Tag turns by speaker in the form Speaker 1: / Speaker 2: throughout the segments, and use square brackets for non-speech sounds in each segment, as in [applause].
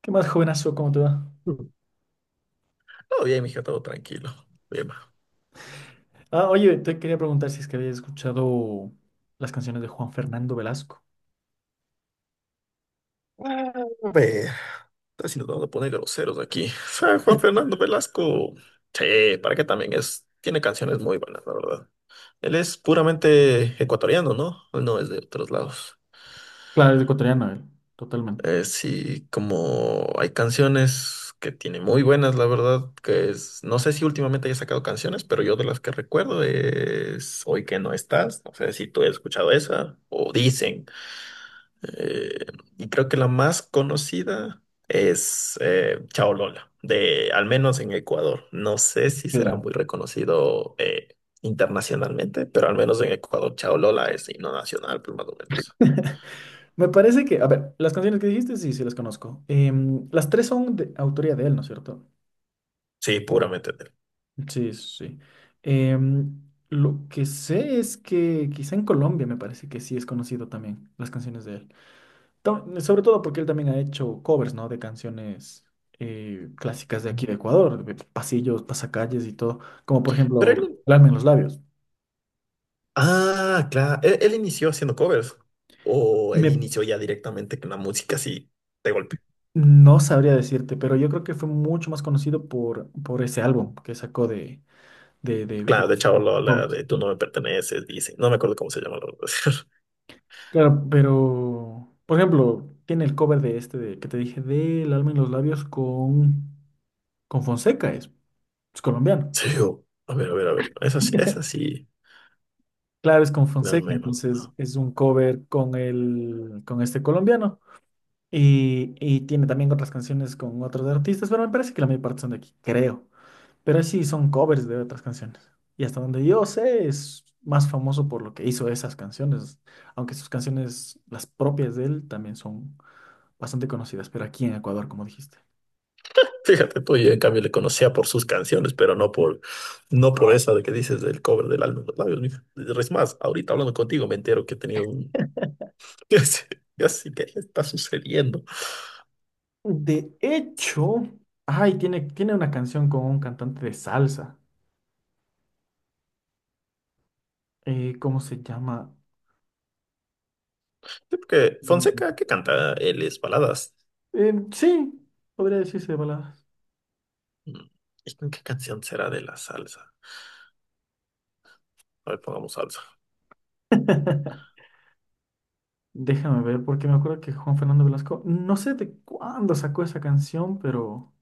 Speaker 1: ¿Qué más, jovenazo? ¿Cómo te va?
Speaker 2: Todo bien, mija, todo tranquilo. Bien, ma.
Speaker 1: Ah, oye, te quería preguntar si es que habías escuchado las canciones de Juan Fernando Velasco.
Speaker 2: A ver, si nos vamos a poner groseros aquí. O sea, Juan Fernando Velasco, sí, para qué también es, tiene canciones muy buenas, la verdad. Él es puramente ecuatoriano, ¿no? Él no es de otros lados.
Speaker 1: Claro, es ecuatoriano él, totalmente.
Speaker 2: Sí, como hay canciones que tiene muy buenas, la verdad, que es, no sé si últimamente haya sacado canciones, pero yo de las que recuerdo es Hoy que no estás, no sé si tú has escuchado esa, o Dicen. Eh, y creo que la más conocida es Chao Lola, de al menos en Ecuador. No sé si será
Speaker 1: Claro.
Speaker 2: muy reconocido internacionalmente, pero al menos en Ecuador Chao Lola es himno nacional, pues más o menos.
Speaker 1: Me parece que, a ver, las canciones que dijiste, sí, sí las conozco. Las tres son de autoría de él, ¿no es cierto?
Speaker 2: Sí, puramente de él.
Speaker 1: Sí, sí. Em, lo que sé es que quizá en Colombia me parece que sí es conocido también las canciones de él. Sobre todo porque él también ha hecho covers, ¿no? De canciones clásicas de aquí de Ecuador, de pasillos, pasacalles y todo, como por
Speaker 2: Pero
Speaker 1: ejemplo,
Speaker 2: él,
Speaker 1: Alma en los labios.
Speaker 2: ah, claro, él inició haciendo covers o él
Speaker 1: Me,
Speaker 2: inició ya directamente con la música así de golpe.
Speaker 1: no sabría decirte, pero yo creo que fue mucho más conocido por ese álbum que sacó de
Speaker 2: Claro, de Chao Lola,
Speaker 1: covers.
Speaker 2: de Tú no me perteneces, dice. No me acuerdo cómo se llama la verdad. [laughs]
Speaker 1: Claro, pero, por ejemplo, tiene el cover de este de, que te dije, del Alma en los labios con Fonseca, es colombiano.
Speaker 2: Sí, a ver. Es así, es
Speaker 1: [laughs]
Speaker 2: así.
Speaker 1: Claro, es con
Speaker 2: Al
Speaker 1: Fonseca,
Speaker 2: menos,
Speaker 1: entonces
Speaker 2: ¿no?
Speaker 1: es un cover con el, con este colombiano. Y tiene también otras canciones con otros artistas, pero me parece que la mayor parte son de aquí, creo. Pero sí, son covers de otras canciones. Y hasta donde yo sé, es más famoso por lo que hizo esas canciones. Aunque sus canciones, las propias de él, también son bastante conocidas, pero aquí en Ecuador, como dijiste.
Speaker 2: Fíjate tú, yo en cambio le conocía por sus canciones, pero no por esa de que dices del cover del álbum Los Labios, mija. Es más, ahorita hablando contigo me entero que he tenido un [laughs] que así que está sucediendo.
Speaker 1: De hecho, ay, tiene una canción con un cantante de salsa. ¿Cómo se llama?
Speaker 2: Sí, porque Fonseca,
Speaker 1: Eh,
Speaker 2: ¿qué canta? Él es baladas.
Speaker 1: Sí, podría decirse de palabras.
Speaker 2: Mm, ¿Y con qué canción será de la salsa? A ver, pongamos salsa.
Speaker 1: [laughs] Déjame ver, porque me acuerdo que Juan Fernando Velasco, no sé de cuándo sacó esa canción, pero,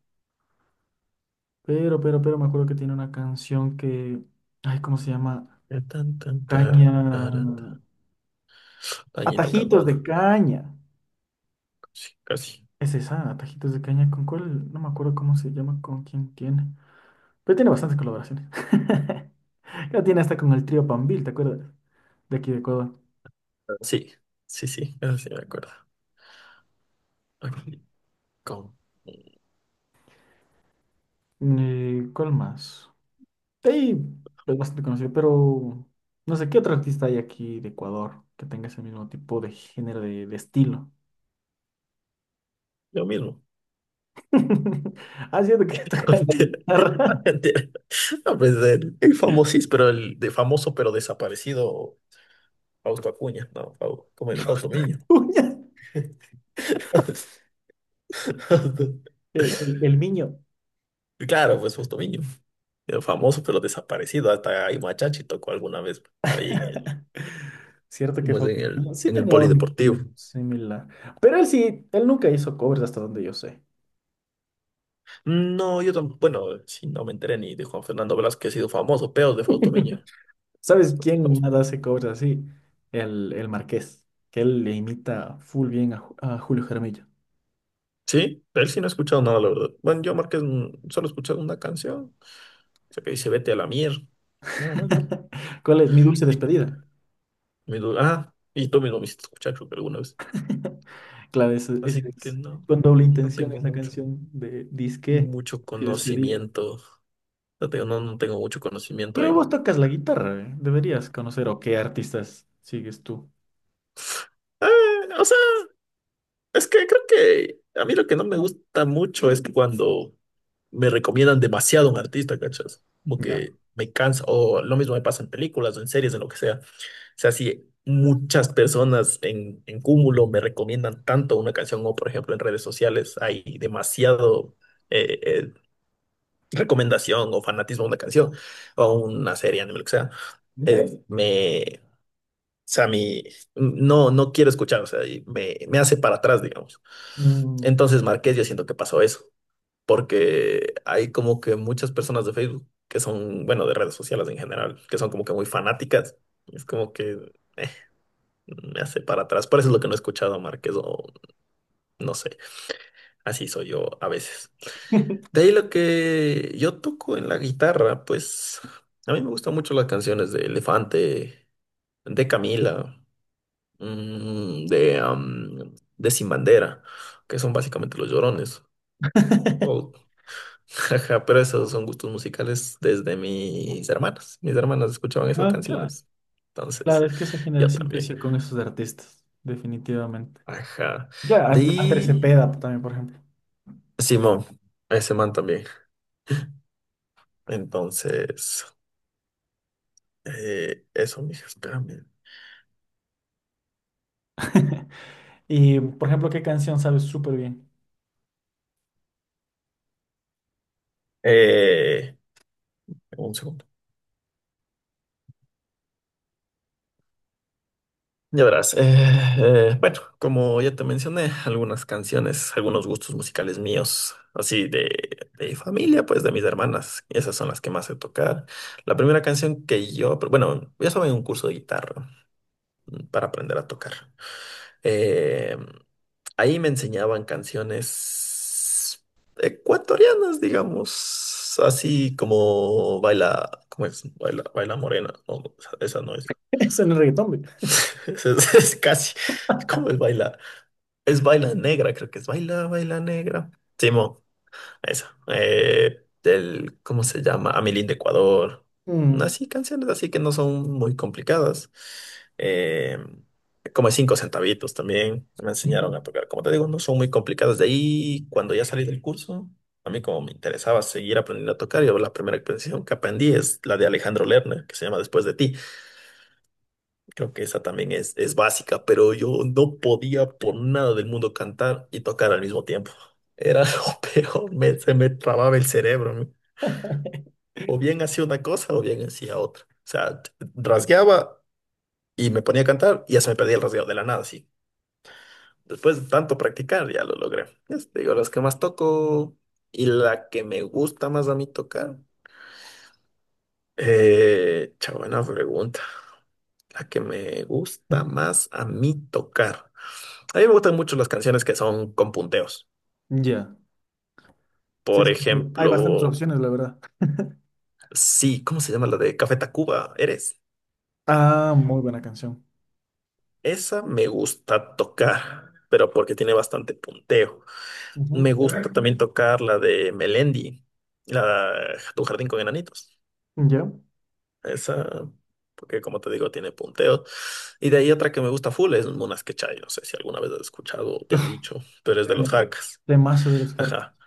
Speaker 1: pero me acuerdo que tiene una canción que, ay, ¿cómo se llama?
Speaker 2: Tan, tan, taran,
Speaker 1: Caña,
Speaker 2: taran, tan. Añita
Speaker 1: Atajitos de
Speaker 2: Cardona.
Speaker 1: Caña.
Speaker 2: Sí, casi.
Speaker 1: Es esa, Atajitos de Caña, ¿con cuál? No me acuerdo cómo se llama, con quién tiene. Pero tiene bastantes colaboraciones. [laughs] Ya tiene hasta con el trío Pambil, ¿te acuerdas? De aquí de Ecuador.
Speaker 2: Sí, sí, sí, eso sí me acuerdo. Aquí, con
Speaker 1: ¿Cuál más? Sí, es bastante conocido, pero no sé qué otro artista hay aquí de Ecuador que tenga ese mismo tipo de género de estilo.
Speaker 2: yo mismo.
Speaker 1: [laughs] Haciendo que toca la
Speaker 2: Pantera.
Speaker 1: guitarra.
Speaker 2: Pantera. No, pues pero el de famoso pero desaparecido Fausto Acuña, no, ¿cómo es? Fausto Miño.
Speaker 1: [laughs] Uña.
Speaker 2: [laughs] Fausto-
Speaker 1: El niño.
Speaker 2: Claro, pues Fausto Miño. El famoso pero desaparecido, hasta ahí Machachi tocó alguna vez ahí en el,
Speaker 1: [laughs] Cierto que
Speaker 2: ¿cómo es? En
Speaker 1: Fausto
Speaker 2: el,
Speaker 1: Niño sí
Speaker 2: en el
Speaker 1: tenía un estilo
Speaker 2: polideportivo.
Speaker 1: similar. Pero él sí, él nunca hizo covers hasta donde yo sé.
Speaker 2: No, yo tampoco, bueno, sí, no me enteré ni de Juan Fernando Velázquez, ha sido famoso, pero de Fausto Miño.
Speaker 1: [laughs] ¿Sabes
Speaker 2: No,
Speaker 1: quién nada hace covers así? El Marqués, que él le imita full bien a, a Julio Jaramillo.
Speaker 2: sí, de él sí no he escuchado nada, la verdad. Bueno, yo Márquez solo he escuchado una canción sea, que dice, vete a la mierda. Nada más, mira.
Speaker 1: [laughs] ¿Cuál es mi dulce
Speaker 2: Y
Speaker 1: despedida?
Speaker 2: ah, y tú mismo me hiciste escuchar, creo que alguna vez.
Speaker 1: [laughs] Claro, ese
Speaker 2: Así que
Speaker 1: es
Speaker 2: no,
Speaker 1: con doble
Speaker 2: no
Speaker 1: intención, es
Speaker 2: tengo
Speaker 1: la
Speaker 2: mucho,
Speaker 1: canción de disque
Speaker 2: mucho
Speaker 1: y despedirme.
Speaker 2: conocimiento. No tengo, no, no tengo mucho conocimiento
Speaker 1: Pero vos
Speaker 2: en.
Speaker 1: tocas la guitarra, ¿eh? Deberías conocer o qué artistas sigues tú.
Speaker 2: [sighs] O sea, es que creo que a mí lo que no me gusta mucho es cuando me recomiendan demasiado a un artista, ¿cachas? Como
Speaker 1: Ya.
Speaker 2: que me cansa, o lo mismo me pasa en películas o en series, en lo que sea. Sea, si muchas personas en cúmulo me recomiendan tanto una canción o, por ejemplo, en redes sociales hay demasiado eh, eh, recomendación o fanatismo a una canción o una serie, anime, lo que sea, me, o sea, mi, no, no quiero escuchar, o sea, y me hace para atrás, digamos.
Speaker 1: Mm.
Speaker 2: Entonces, Marqués, yo siento que pasó eso, porque hay como que muchas personas de Facebook que son, bueno, de redes sociales en general, que son como que muy fanáticas. Es como que me hace para atrás. Por eso es lo que no he escuchado, a Márquez, o no sé, así soy yo a veces. De ahí lo que yo toco en la guitarra, pues a mí me gustan mucho las canciones de Elefante, de Camila, de Sin Bandera, que son básicamente los llorones. O-
Speaker 1: [laughs]
Speaker 2: [laughs] pero esos son gustos musicales desde mis hermanas. Mis hermanas escuchaban esas
Speaker 1: Ah, claro.
Speaker 2: canciones.
Speaker 1: Claro,
Speaker 2: Entonces,
Speaker 1: es que esa
Speaker 2: yo
Speaker 1: generación
Speaker 2: también.
Speaker 1: creció con esos artistas, definitivamente.
Speaker 2: Ajá.
Speaker 1: Claro,
Speaker 2: De
Speaker 1: Andrés
Speaker 2: ahí.
Speaker 1: Cepeda también, por ejemplo.
Speaker 2: Simón, ese man también. Entonces, eso, mija, espérame.
Speaker 1: [laughs] Y, por ejemplo, ¿qué canción sabes súper bien?
Speaker 2: Eh, un segundo. Ya verás. Bueno, como ya te mencioné, algunas canciones, algunos gustos musicales míos, así de familia, pues de mis hermanas. Esas son las que más sé tocar. La primera canción que yo, pero bueno, yo estaba en un curso de guitarra para aprender a tocar. Eh, Ahí me enseñaban canciones ecuatorianas, digamos, así como baila, ¿cómo es? Baila, baila morena. No, no, esa no es.
Speaker 1: [laughs] Eso no es reggaetón, güey.
Speaker 2: [laughs] Es casi, ¿cómo es baila? Es baila negra, creo que es baila, baila negra. Simón esa. El, ¿cómo se llama? Amelín de Ecuador.
Speaker 1: Mm.
Speaker 2: Así, canciones así que no son muy complicadas. Eh, Como cinco centavitos también me enseñaron a tocar. Como te digo, no son muy complicadas. De ahí, cuando ya salí del curso, a mí como me interesaba seguir aprendiendo a tocar, yo la primera canción que aprendí es la de Alejandro Lerner, que se llama Después de ti. Creo que esa también es básica, pero yo no podía por nada del mundo cantar y tocar al mismo tiempo. Era [laughs] lo peor, se me trababa el cerebro, ¿no? O bien hacía una cosa o bien hacía otra. O sea, rasgueaba y me ponía a cantar y ya se me perdía el rasgueo de la nada, sí. Después de tanto practicar ya lo logré. Ya te digo, las que más toco y la que me gusta más a mí tocar. Buena pregunta. La que me gusta
Speaker 1: [laughs]
Speaker 2: más a mí tocar. A mí me gustan mucho las canciones que son con punteos.
Speaker 1: Ya. Sí,
Speaker 2: Por
Speaker 1: es que hay bastantes
Speaker 2: ejemplo,
Speaker 1: opciones, la verdad.
Speaker 2: sí, ¿cómo se llama la de Café Tacuba? ¿Eres?
Speaker 1: Ah, muy buena canción.
Speaker 2: Esa me gusta tocar, pero porque tiene bastante punteo.
Speaker 1: Ujú.
Speaker 2: Me gusta también tocar la de Melendi, la Tu jardín con enanitos.
Speaker 1: ¿Ya?
Speaker 2: Esa, porque como te digo, tiene punteos. Y de ahí otra que me gusta full es Munas Quechaya. No sé si alguna vez has escuchado o te han dicho, pero es de
Speaker 1: Ya.
Speaker 2: los, claro, jarcas.
Speaker 1: Temazo de los Carcas.
Speaker 2: Ajá.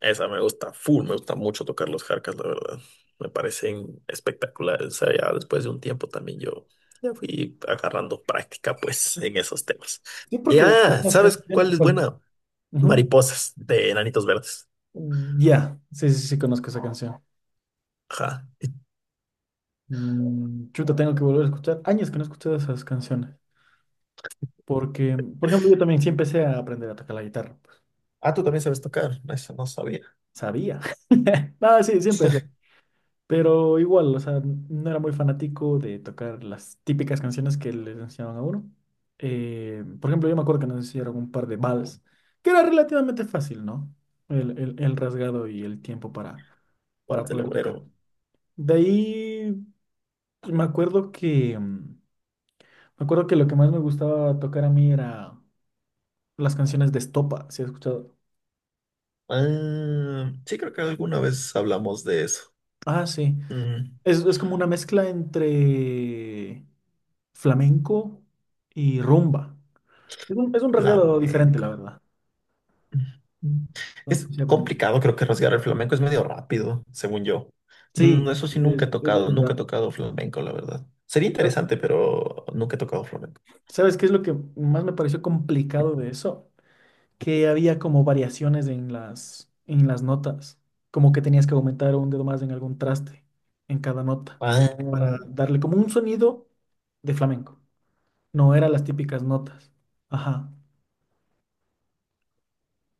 Speaker 2: Esa me gusta full, me gusta mucho tocar los jarcas, la verdad. Me parecen espectaculares. O sea, ya después de un tiempo también yo ya fui agarrando práctica, pues, en esos temas.
Speaker 1: Sí, porque hay
Speaker 2: Ya,
Speaker 1: unas
Speaker 2: ¿sabes cuál
Speaker 1: canciones.
Speaker 2: es
Speaker 1: ¿Cuál?
Speaker 2: buena?
Speaker 1: Ujú.
Speaker 2: Mariposas de Enanitos Verdes.
Speaker 1: Ya, sí, sí, sí, conozco esa canción.
Speaker 2: Ajá.
Speaker 1: Mm, chuta, tengo que volver a escuchar. Años que no he escuchado esas canciones. Porque, por ejemplo, yo también sí empecé a aprender a tocar la guitarra pues,
Speaker 2: Ah, tú también sabes tocar. Eso no sabía.
Speaker 1: sabía. [laughs] No, sí, sí empecé.
Speaker 2: [laughs]
Speaker 1: Pero igual, o sea, no era muy fanático de tocar las típicas canciones que les enseñaban a uno. Por ejemplo, yo me acuerdo que nos hicieron un par de vals, que era relativamente fácil, ¿no? El rasgado y el tiempo
Speaker 2: ¿Cuál
Speaker 1: para
Speaker 2: del
Speaker 1: poder tocar.
Speaker 2: obrero?
Speaker 1: De ahí, pues, me acuerdo que, mm, me acuerdo que lo que más me gustaba tocar a mí era las canciones de estopa, ¿si has escuchado?
Speaker 2: Ah, sí, creo que alguna vez hablamos de eso.
Speaker 1: Ah, sí.
Speaker 2: Mm,
Speaker 1: Es como una mezcla entre flamenco y rumba. Es un rasgado diferente,
Speaker 2: Flamenco.
Speaker 1: la verdad.
Speaker 2: Mm.
Speaker 1: Entonces
Speaker 2: Es
Speaker 1: sí aprendí.
Speaker 2: complicado, creo que rasgar el flamenco es medio rápido, según yo.
Speaker 1: Sí,
Speaker 2: Eso sí,
Speaker 1: es,
Speaker 2: nunca he
Speaker 1: es
Speaker 2: tocado, nunca he
Speaker 1: verdad.
Speaker 2: tocado flamenco, la verdad. Sería interesante, pero nunca he tocado flamenco.
Speaker 1: ¿Sabes qué es lo que más me pareció complicado de eso? Que había como variaciones en las notas, como que tenías que aumentar un dedo más en algún traste, en cada nota,
Speaker 2: Ah,
Speaker 1: para darle como un sonido de flamenco. No eran las típicas notas. Ajá.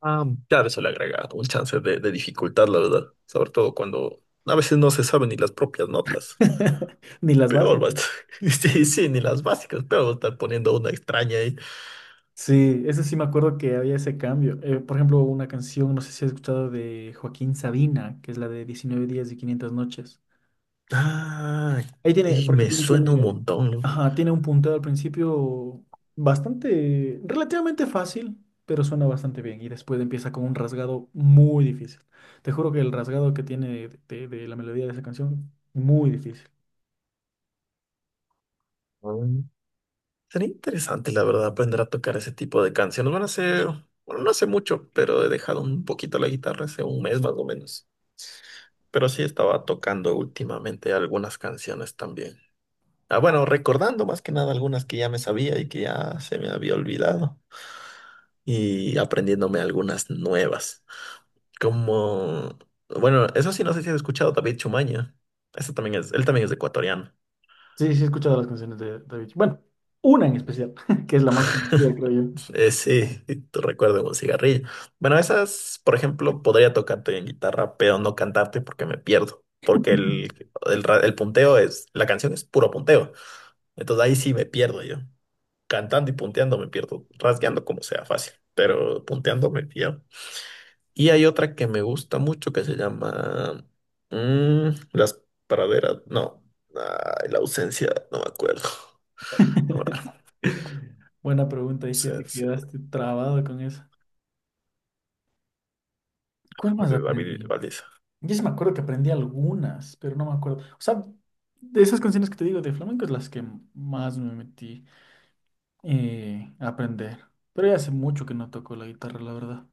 Speaker 2: ah, claro, eso le agrega un chance de dificultad, la verdad. Sobre todo cuando a veces no se saben ni las propias notas.
Speaker 1: [laughs] Ni las
Speaker 2: Peor va a
Speaker 1: básicas.
Speaker 2: estar. [laughs] Sí, sí, ni las básicas. Peor va a estar poniendo una extraña.
Speaker 1: Sí, eso sí me acuerdo que había ese cambio. Por ejemplo, una canción, no sé si has escuchado de Joaquín Sabina, que es la de 19 días y 500 noches.
Speaker 2: Ah,
Speaker 1: Ahí tiene,
Speaker 2: y
Speaker 1: por
Speaker 2: me
Speaker 1: ejemplo, ahí
Speaker 2: suena un
Speaker 1: tiene,
Speaker 2: montón,
Speaker 1: ajá, tiene un punteo al principio bastante, relativamente fácil, pero suena bastante bien. Y después empieza con un rasgado muy difícil. Te juro que el rasgado que tiene de la melodía de esa canción, muy difícil.
Speaker 2: ¿no? Mm. Sería interesante, la verdad, aprender a tocar ese tipo de canciones. Bueno, hace, bueno, no hace mucho, pero he dejado un poquito la guitarra hace un mes más o menos. Pero sí estaba tocando últimamente algunas canciones también. Ah, bueno, recordando más que nada algunas que ya me sabía y que ya se me había olvidado. Y aprendiéndome algunas nuevas. Como, bueno, eso sí, no sé si has escuchado David Chumaña. Eso también es, él también es ecuatoriano.
Speaker 1: Sí, sí, he escuchado las canciones de David. Bueno, una en especial, [laughs] que es la más conocida,
Speaker 2: [laughs]
Speaker 1: creo yo.
Speaker 2: Sí, [laughs] te recuerdo un cigarrillo. Bueno, esas, por ejemplo, podría tocarte en guitarra, pero no cantarte porque me pierdo. Porque el punteo es, la canción es puro punteo. Entonces ahí sí me pierdo yo. Cantando y punteando me pierdo. Rasgueando como sea fácil, pero punteando me pierdo. Y hay otra que me gusta mucho que se llama Las praderas. No, ay, la ausencia, no me acuerdo. [laughs] Ahora,
Speaker 1: [laughs] Buena pregunta, y si te
Speaker 2: ausencia
Speaker 1: quedaste trabado con eso. ¿Cuál más
Speaker 2: de David
Speaker 1: aprendí?
Speaker 2: Valdés.
Speaker 1: Yo sí me acuerdo que aprendí algunas, pero no me acuerdo. O sea, de esas canciones que te digo de flamenco es las que más me metí a aprender. Pero ya hace mucho que no toco la guitarra, la verdad.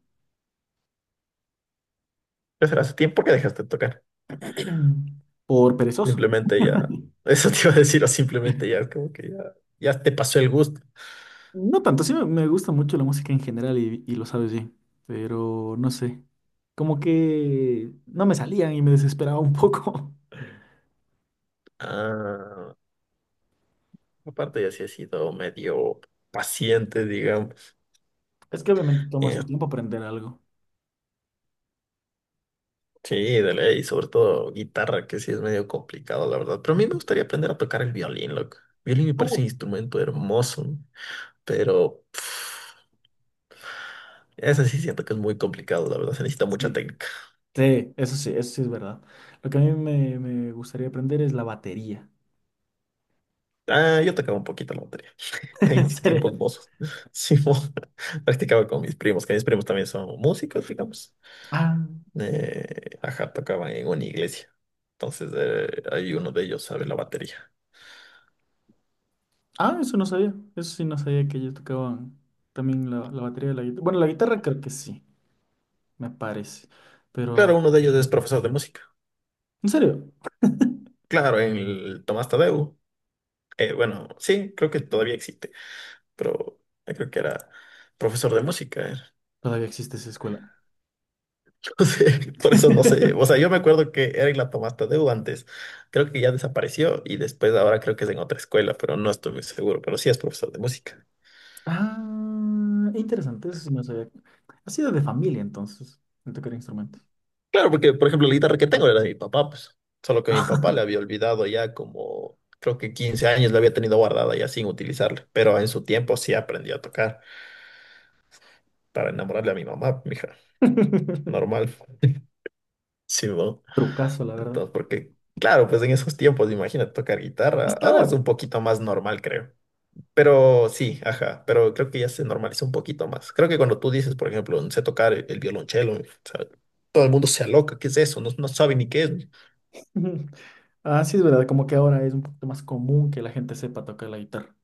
Speaker 2: ¿Qué será? ¿Hace tiempo que dejaste de tocar?
Speaker 1: [clears throat] Por perezoso.
Speaker 2: Simplemente ya, [laughs] eso te iba a decir, o simplemente ya, es como que ya, ya te pasó el gusto.
Speaker 1: No tanto, sí me gusta mucho la música en general y lo sabes bien, pero no sé. Como que no me salían y me desesperaba un poco. [laughs]
Speaker 2: Ah, aparte ya sí he sido medio paciente, digamos.
Speaker 1: Es que obviamente toma
Speaker 2: Eh,
Speaker 1: su tiempo aprender algo.
Speaker 2: sí, de ley, sobre todo guitarra, que sí es medio complicado, la verdad. Pero a mí me gustaría aprender a tocar el violín, loco. Violín me
Speaker 1: Uh,
Speaker 2: parece un instrumento hermoso, ¿no? Pero ese sí siento que es muy complicado, la verdad, se necesita mucha
Speaker 1: Sí,
Speaker 2: técnica.
Speaker 1: sí, eso sí, eso sí es verdad. Lo que a mí me gustaría aprender es la batería.
Speaker 2: Ah, yo tocaba un poquito la batería.
Speaker 1: [laughs]
Speaker 2: En
Speaker 1: ¿En
Speaker 2: mis tiempos
Speaker 1: serio?
Speaker 2: mozos, [laughs] Simón, [laughs] practicaba con mis primos, que mis primos también son músicos, digamos.
Speaker 1: Ah,
Speaker 2: Ajá, tocaban en una iglesia. Entonces, ahí uno de ellos sabe la batería.
Speaker 1: Eso no sabía. Eso sí no sabía que ellos tocaban también la batería de la guitarra. Bueno, la guitarra creo que sí, me parece. Pero,
Speaker 2: Claro, uno de ellos es profesor de música.
Speaker 1: ¿en serio
Speaker 2: Claro, en el Tomás Tadeu. Bueno, sí, creo que todavía existe, pero yo creo que era profesor de música, era.
Speaker 1: todavía existe esa escuela?
Speaker 2: Entonces, [laughs] por eso no sé. O sea,
Speaker 1: [laughs]
Speaker 2: yo me acuerdo que era en la Tomás Tadeu antes. Creo que ya desapareció y después ahora creo que es en otra escuela, pero no estoy muy seguro, pero sí es profesor de música.
Speaker 1: Ah, interesante, eso sí no sabía. Ha sido de familia entonces, el tocar instrumentos.
Speaker 2: Claro, porque por ejemplo la guitarra que tengo era de mi papá, pues, solo que mi papá la había olvidado ya como, creo que 15 años la había tenido guardada ya sin utilizarla, pero en su tiempo sí aprendí a tocar para enamorarle a mi mamá, mija,
Speaker 1: [laughs]
Speaker 2: normal, [laughs] sí, ¿no?
Speaker 1: Trucazo, la verdad.
Speaker 2: Entonces, porque, claro, pues en esos tiempos, imagínate tocar guitarra,
Speaker 1: Hasta
Speaker 2: ahora es
Speaker 1: ahora.
Speaker 2: un poquito más normal, creo, pero sí, ajá, pero creo que ya se normalizó un poquito más. Creo que cuando tú dices, por ejemplo, no sé tocar el violonchelo, o sea, todo el mundo se aloca, ¿qué es eso? No, no sabe ni qué es.
Speaker 1: [laughs] Ah, sí, es verdad, como que ahora es un poquito más común que la gente sepa tocar la guitarra.